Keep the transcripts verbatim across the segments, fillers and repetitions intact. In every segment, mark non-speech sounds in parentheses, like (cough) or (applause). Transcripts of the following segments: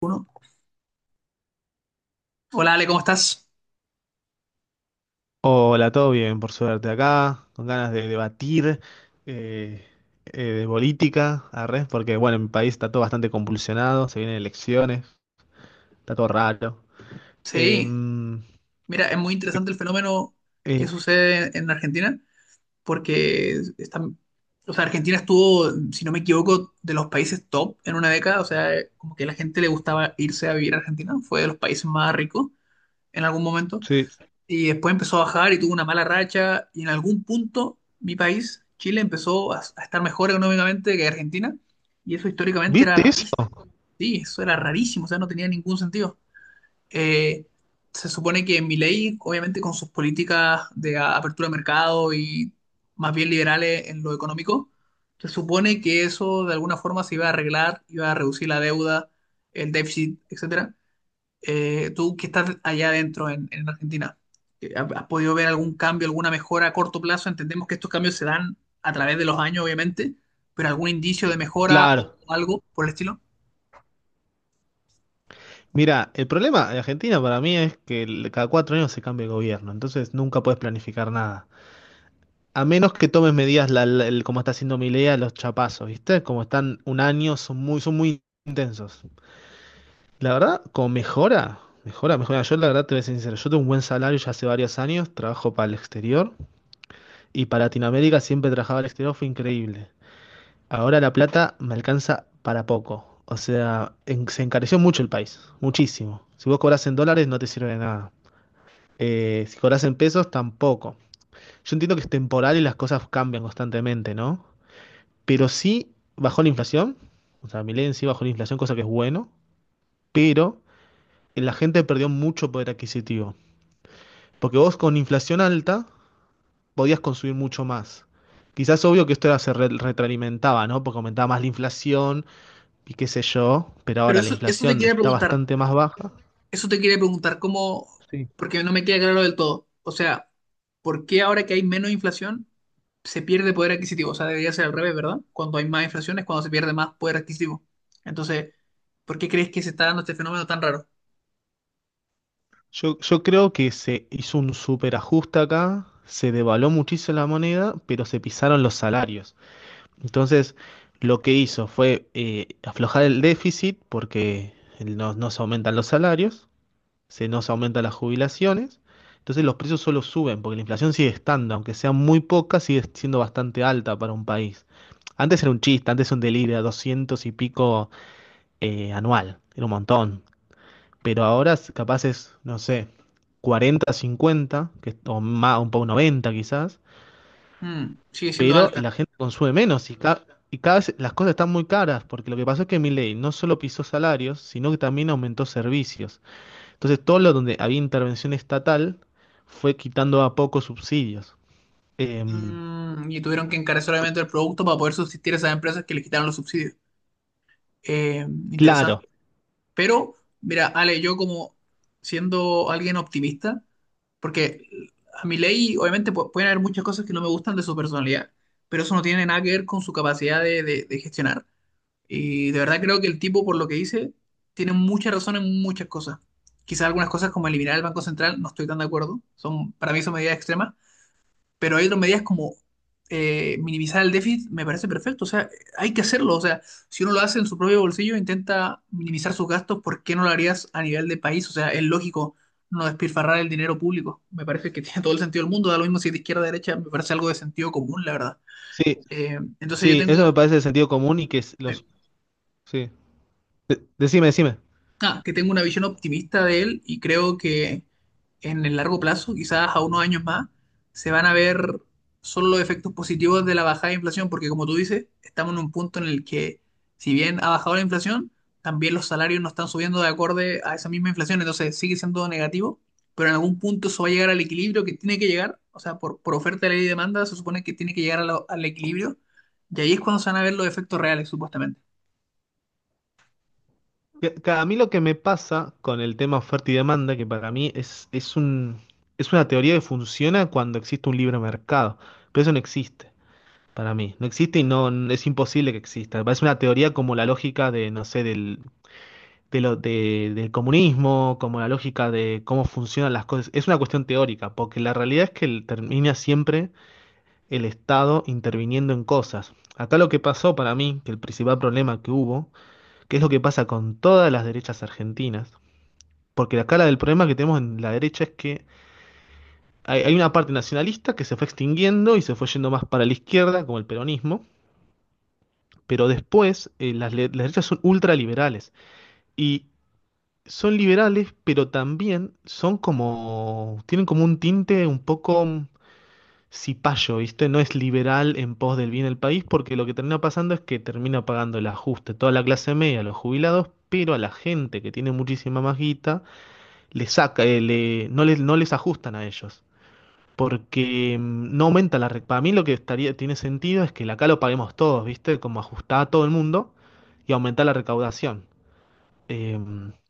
Uno. Hola Ale, ¿cómo estás? Hola, todo bien, por suerte acá, con ganas de debatir eh, eh, de política, arre, porque bueno, en mi país está todo bastante convulsionado, se vienen elecciones, está todo raro. Sí, Em, mira, es muy interesante el fenómeno que eh, sucede en Argentina, porque están, o sea, Argentina estuvo, si no me equivoco, de los países top en una década, o sea, como que a la gente le gustaba irse a vivir a Argentina, fue de los países más ricos en algún momento, sí. y después empezó a bajar y tuvo una mala racha, y en algún punto mi país, Chile, empezó a, a estar mejor económicamente que Argentina, y eso históricamente era ¿Viste eso? rarísimo, sí, eso era rarísimo, o sea, no tenía ningún sentido. Eh, Se supone que Milei, obviamente con sus políticas de a- apertura de mercado y más bien liberales en lo económico, se supone que eso de alguna forma se iba a arreglar, iba a reducir la deuda, el déficit, etcétera. Eh, tú que estás allá adentro en, en Argentina, eh, ¿has has podido ver algún cambio, alguna mejora a corto plazo? Entendemos que estos cambios se dan a través de los años, obviamente, pero algún indicio de mejora o Claro. algo por el estilo. Mira, el problema de Argentina para mí es que el- cada cuatro años se cambia el gobierno, entonces nunca puedes planificar nada. A menos que tomes medidas la- la- el- como está haciendo Milei a los chapazos, ¿viste? Como están un año, son muy, son muy intensos. La verdad, como mejora, mejora, mejora. Yo la verdad te voy a ser sincero, yo tengo un buen salario ya hace varios años, trabajo para el exterior y para Latinoamérica siempre trabajaba al exterior, fue increíble. Ahora la plata me alcanza para poco. O sea, en- se encareció mucho el país, muchísimo. Si vos cobras en dólares no te sirve de nada. Eh, si cobras en pesos tampoco. Yo entiendo que es temporal y las cosas cambian constantemente, ¿no? Pero sí bajó la inflación, o sea, Milei en sí bajó la inflación, cosa que es bueno, pero la gente perdió mucho poder adquisitivo. Porque vos con inflación alta podías consumir mucho más. Quizás obvio que esto era- se re- retroalimentaba, ¿no? Porque aumentaba más la inflación y qué sé yo, pero Pero ahora la eso, eso te inflación quería está preguntar, bastante más baja. eso te quería preguntar, ¿cómo? Sí. Porque no me queda claro del todo. O sea, ¿por qué ahora que hay menos inflación se pierde poder adquisitivo? O sea, debería ser al revés, ¿verdad? Cuando hay más inflación es cuando se pierde más poder adquisitivo. Entonces, ¿por qué crees que se está dando este fenómeno tan raro? Yo, yo creo que se hizo un superajuste acá, se devaluó muchísimo la moneda, pero se pisaron los salarios. Entonces, lo que hizo fue eh, aflojar el déficit porque no, no se aumentan los salarios se nos aumentan las jubilaciones, entonces los precios solo suben, porque la inflación sigue estando, aunque sea muy poca, sigue siendo bastante alta para un país. Antes era un chiste, antes era un delirio, doscientos y pico eh, anual, era un montón, pero ahora es- capaz es, no sé, cuarenta, cincuenta, que, es- o más, un poco noventa quizás, Mm, sigue siendo pero alta. la gente consume menos y, ca- y cada vez las cosas están muy caras, porque lo que pasó es que Milei no solo pisó salarios, sino que también aumentó servicios. Entonces, todo lo donde había intervención estatal fue quitando a pocos subsidios. Em, Mm, y tuvieron que encarecer obviamente el producto para poder subsistir a esas empresas que les quitaron los subsidios. Eh, interesante. claro, Pero, mira, Ale, yo como siendo alguien optimista, porque a Milei, obviamente, pu- pueden haber muchas cosas que no me gustan de su personalidad, pero eso no tiene nada que ver con su capacidad de, de- de gestionar. Y de verdad creo que el tipo, por lo que dice, tiene mucha razón en muchas cosas. Quizás algunas cosas como eliminar el Banco Central, no estoy tan de acuerdo. Son, para mí son medidas extremas, pero hay otras medidas como eh, minimizar el déficit, me parece perfecto. O sea, hay que hacerlo. O sea, si uno lo hace en su propio bolsillo, intenta minimizar sus gastos, ¿por qué no lo harías a nivel de país? O sea, es lógico no despilfarrar el dinero público. Me parece que (laughs) tiene todo el sentido del mundo. Da lo mismo si es de izquierda o de derecha, me parece algo de sentido común, la verdad. sí, Eh, entonces yo sí, eso me tengo, parece de sentido común y que es eh, los... Sí. De- decime, decime. ah, que tengo una visión optimista de él y creo que en el largo plazo, quizás a unos años más, se van a ver solo los efectos positivos de la bajada de inflación, porque como tú dices, estamos en un punto en el que, si bien ha bajado la inflación, también los salarios no están subiendo de acorde a esa misma inflación, entonces sigue siendo negativo, pero en algún punto eso va a llegar al equilibrio que tiene que llegar, o sea, por, por oferta, ley y demanda, se supone que tiene que llegar a lo- al equilibrio, y ahí es cuando se van a ver los efectos reales, supuestamente. Que- que a mí lo que me pasa con el tema oferta y demanda, que para mí es, es un, es una teoría que funciona cuando existe un libre mercado, pero eso no existe. Para mí, no existe y no es imposible que exista. Me parece una teoría como la lógica de, no sé, del de lo, de- del comunismo, como la lógica de cómo funcionan las cosas. Es una cuestión teórica, porque la realidad es que el- termina siempre el Estado interviniendo en cosas. Acá lo que pasó para mí, que el principal problema que hubo, que es lo que pasa con todas las derechas argentinas, porque acá la del problema que tenemos en la derecha es que hay, hay una parte nacionalista que se fue extinguiendo y se fue yendo más para la izquierda, como el peronismo, pero después eh, las, le- las derechas son ultraliberales. Y son liberales, pero también son como, tienen como un tinte un poco mm, cipayo, ¿viste? No es liberal en pos del bien del país, porque lo que termina pasando es que termina pagando el ajuste toda la clase media, los jubilados, pero a la gente que tiene muchísima más guita, le saca, eh, le- no les, no les ajustan a ellos. Porque mm, no aumenta la... re- Para mí lo que estaría, tiene sentido es que la acá lo paguemos todos, ¿viste? Como ajustar a todo el mundo y aumentar la recaudación eh,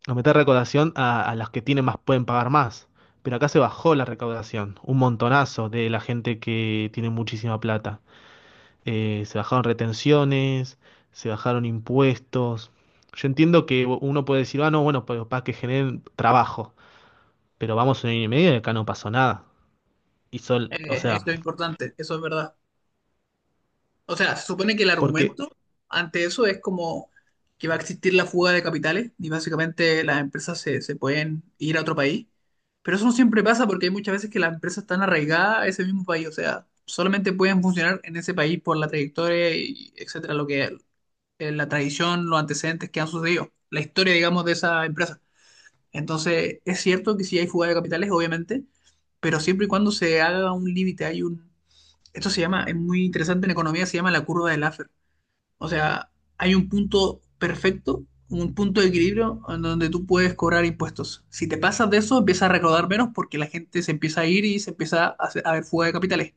a meter recaudación a, a las que tienen más, pueden pagar más. Pero acá se bajó la recaudación, un montonazo de la gente que tiene muchísima plata. Eh, se bajaron retenciones, se bajaron impuestos. Yo entiendo que uno puede decir, ah, no, bueno, pero para que generen trabajo. Pero vamos un año y medio y acá no pasó nada. Y sol, o Eh, sea, eso es importante, eso es verdad. O sea, se supone que el porque, argumento ante eso es como que va a existir la fuga de capitales y básicamente las empresas se, se pueden ir a otro país. Pero eso no siempre pasa porque hay muchas veces que las empresas están arraigadas a ese mismo país. O sea, solamente pueden funcionar en ese país por la trayectoria y etcétera, lo que eh, la tradición, los antecedentes que han sucedido, la historia, digamos, de esa empresa. Entonces, es cierto que sí hay fuga de capitales, obviamente, pero siempre y cuando se haga un límite, hay un... Esto se llama, es muy interesante en economía, se llama la curva de Laffer, o sea, hay un punto perfecto, un punto de equilibrio en donde tú puedes cobrar impuestos. Si te pasas de eso, empiezas a recaudar menos porque la gente se empieza a ir y se empieza a, hacer- a ver fuga de capitales.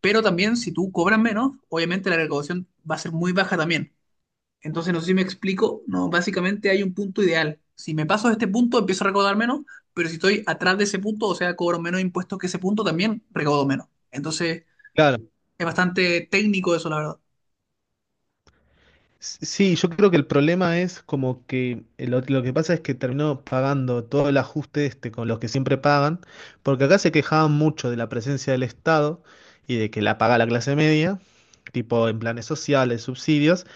Pero también, si tú cobras menos, obviamente la recaudación va a ser muy baja también. Entonces, no sé si me explico, no, básicamente hay un punto ideal. Si me paso de este punto, empiezo a recaudar menos, pero si estoy atrás de ese punto, o sea, cobro menos impuestos que ese punto, también recaudo menos. Entonces, claro, es bastante técnico eso, la verdad. sí, yo creo que el problema es como que eh, lo, lo que pasa es que terminó pagando todo el ajuste este con los que siempre pagan, porque acá se quejaban mucho de la presencia del Estado y de que la paga la clase media, tipo en planes sociales, subsidios,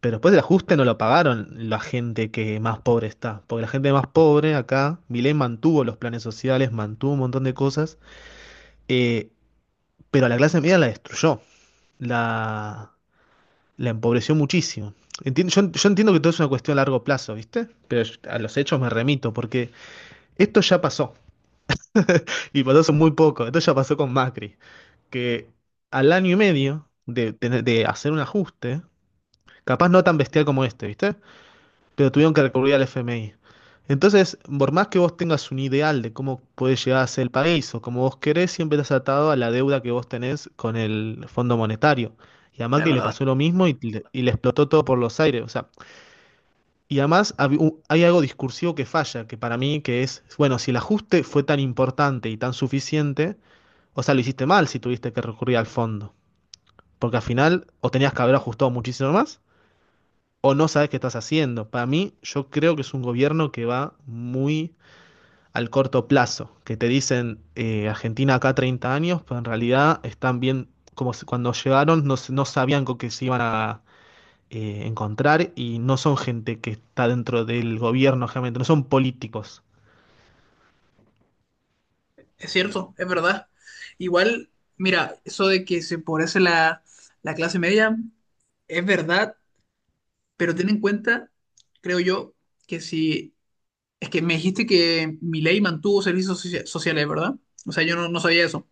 pero después el ajuste no lo pagaron la gente que más pobre está, porque la gente más pobre acá, Milei mantuvo los planes sociales, mantuvo un montón de cosas, eh, pero a la clase media la destruyó. La, la empobreció muchísimo. Enti- yo, yo entiendo que todo es una cuestión a largo plazo, ¿viste? Pero yo- a los hechos me remito, porque esto ya pasó, y pasó hace muy poco, esto ya pasó con Macri, que al año y medio de, tener- de hacer un ajuste, capaz no tan bestial como este, ¿viste? Pero tuvieron que recurrir al F M I. Entonces, por más que vos tengas un ideal de cómo puede llegar a ser el país o cómo vos querés, siempre estás atado a la deuda que vos tenés con el Fondo Monetario. Y a Es Macri le verdad. pasó lo mismo y le, y le explotó todo por los aires. O sea, y además hab- u- hay algo discursivo que falla, que para mí que es, bueno, si el ajuste fue tan importante y tan suficiente, o sea, lo hiciste mal si tuviste que recurrir al fondo, porque al final o tenías que haber ajustado muchísimo más o no sabes qué estás haciendo. Para mí, yo creo que es un gobierno que va muy al corto plazo, que te dicen eh, Argentina acá treinta años, pero en realidad están bien, como si- cuando llegaron no, s- no sabían con qué se iban a, eh, encontrar y no son gente que está dentro del gobierno, realmente no son políticos. Es cierto, es verdad. Igual, mira, eso de que se empobrece la, la clase media es verdad, pero ten en cuenta, creo yo, que si... Es que me dijiste que mi ley mantuvo servicios socia- sociales, ¿verdad? O sea, yo no, no sabía eso.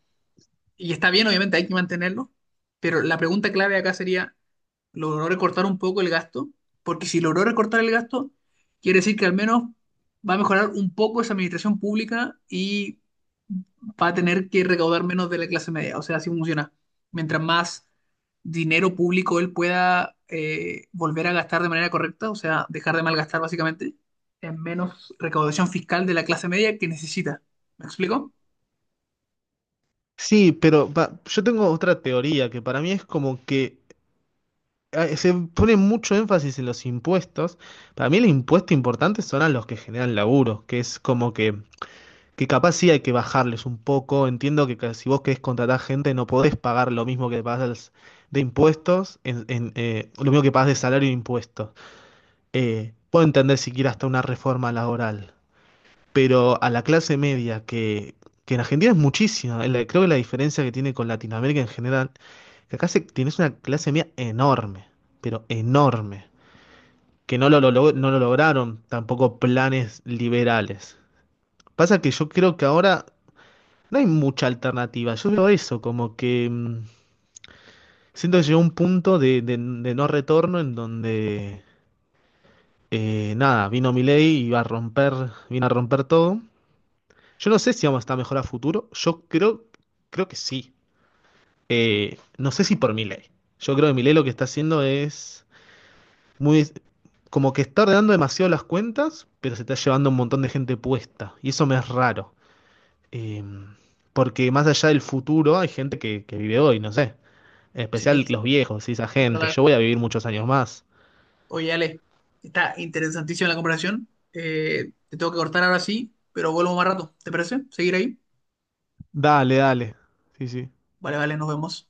Y está bien, obviamente, hay que mantenerlo, pero la pregunta clave acá sería, ¿logró recortar un poco el gasto? Porque si logró recortar el gasto, quiere decir que al menos va a mejorar un poco esa administración pública y va a tener que recaudar menos de la clase media. O sea, así funciona. Mientras más dinero público él pueda eh, volver a gastar de manera correcta, o sea, dejar de malgastar básicamente, es menos recaudación fiscal de la clase media que necesita. ¿Me explico? Sí, pero pa- yo tengo otra teoría que para mí es como que eh, se pone mucho énfasis en los impuestos. Para mí el impuesto importante son a los que generan laburo, que es como que, que capaz sí hay que bajarles un poco. Entiendo que ca- si vos querés contratar gente no podés pagar lo mismo que pagas de impuestos, en, en, eh, lo mismo que pagas de salario e impuestos. Eh, Puedo entender si siquiera hasta una reforma laboral. Pero a la clase media, que, que en Argentina es muchísima, la- creo que la diferencia que tiene con Latinoamérica en general, que acá se- tienes una clase media enorme, pero enorme, que no lo, lo- lo- no lo lograron tampoco planes liberales. Pasa que yo creo que ahora no hay mucha alternativa, yo veo eso, como que mm, siento que llegó un punto de, de- de no retorno en donde, eh, nada, vino Milei y iba a romper, vino a romper todo. Yo no sé si vamos a estar mejor a futuro. Yo creo, creo que sí. Eh, no sé si por Milei. Yo creo que Milei lo que está haciendo es muy. Como que está ordenando demasiado las cuentas, pero se está llevando un montón de gente puesta. Y eso me es raro. Eh, Porque más allá del futuro, hay gente que, que vive hoy, no sé. En Sí, especial los viejos, y esa es gente. verdad. Yo voy a vivir muchos años más. Oye, Ale, está interesantísima la conversación. Eh, te tengo que cortar ahora sí, pero vuelvo más rato. ¿Te parece? ¿Seguir ahí? Dale, dale. Sí, sí. Vale, vale, nos vemos.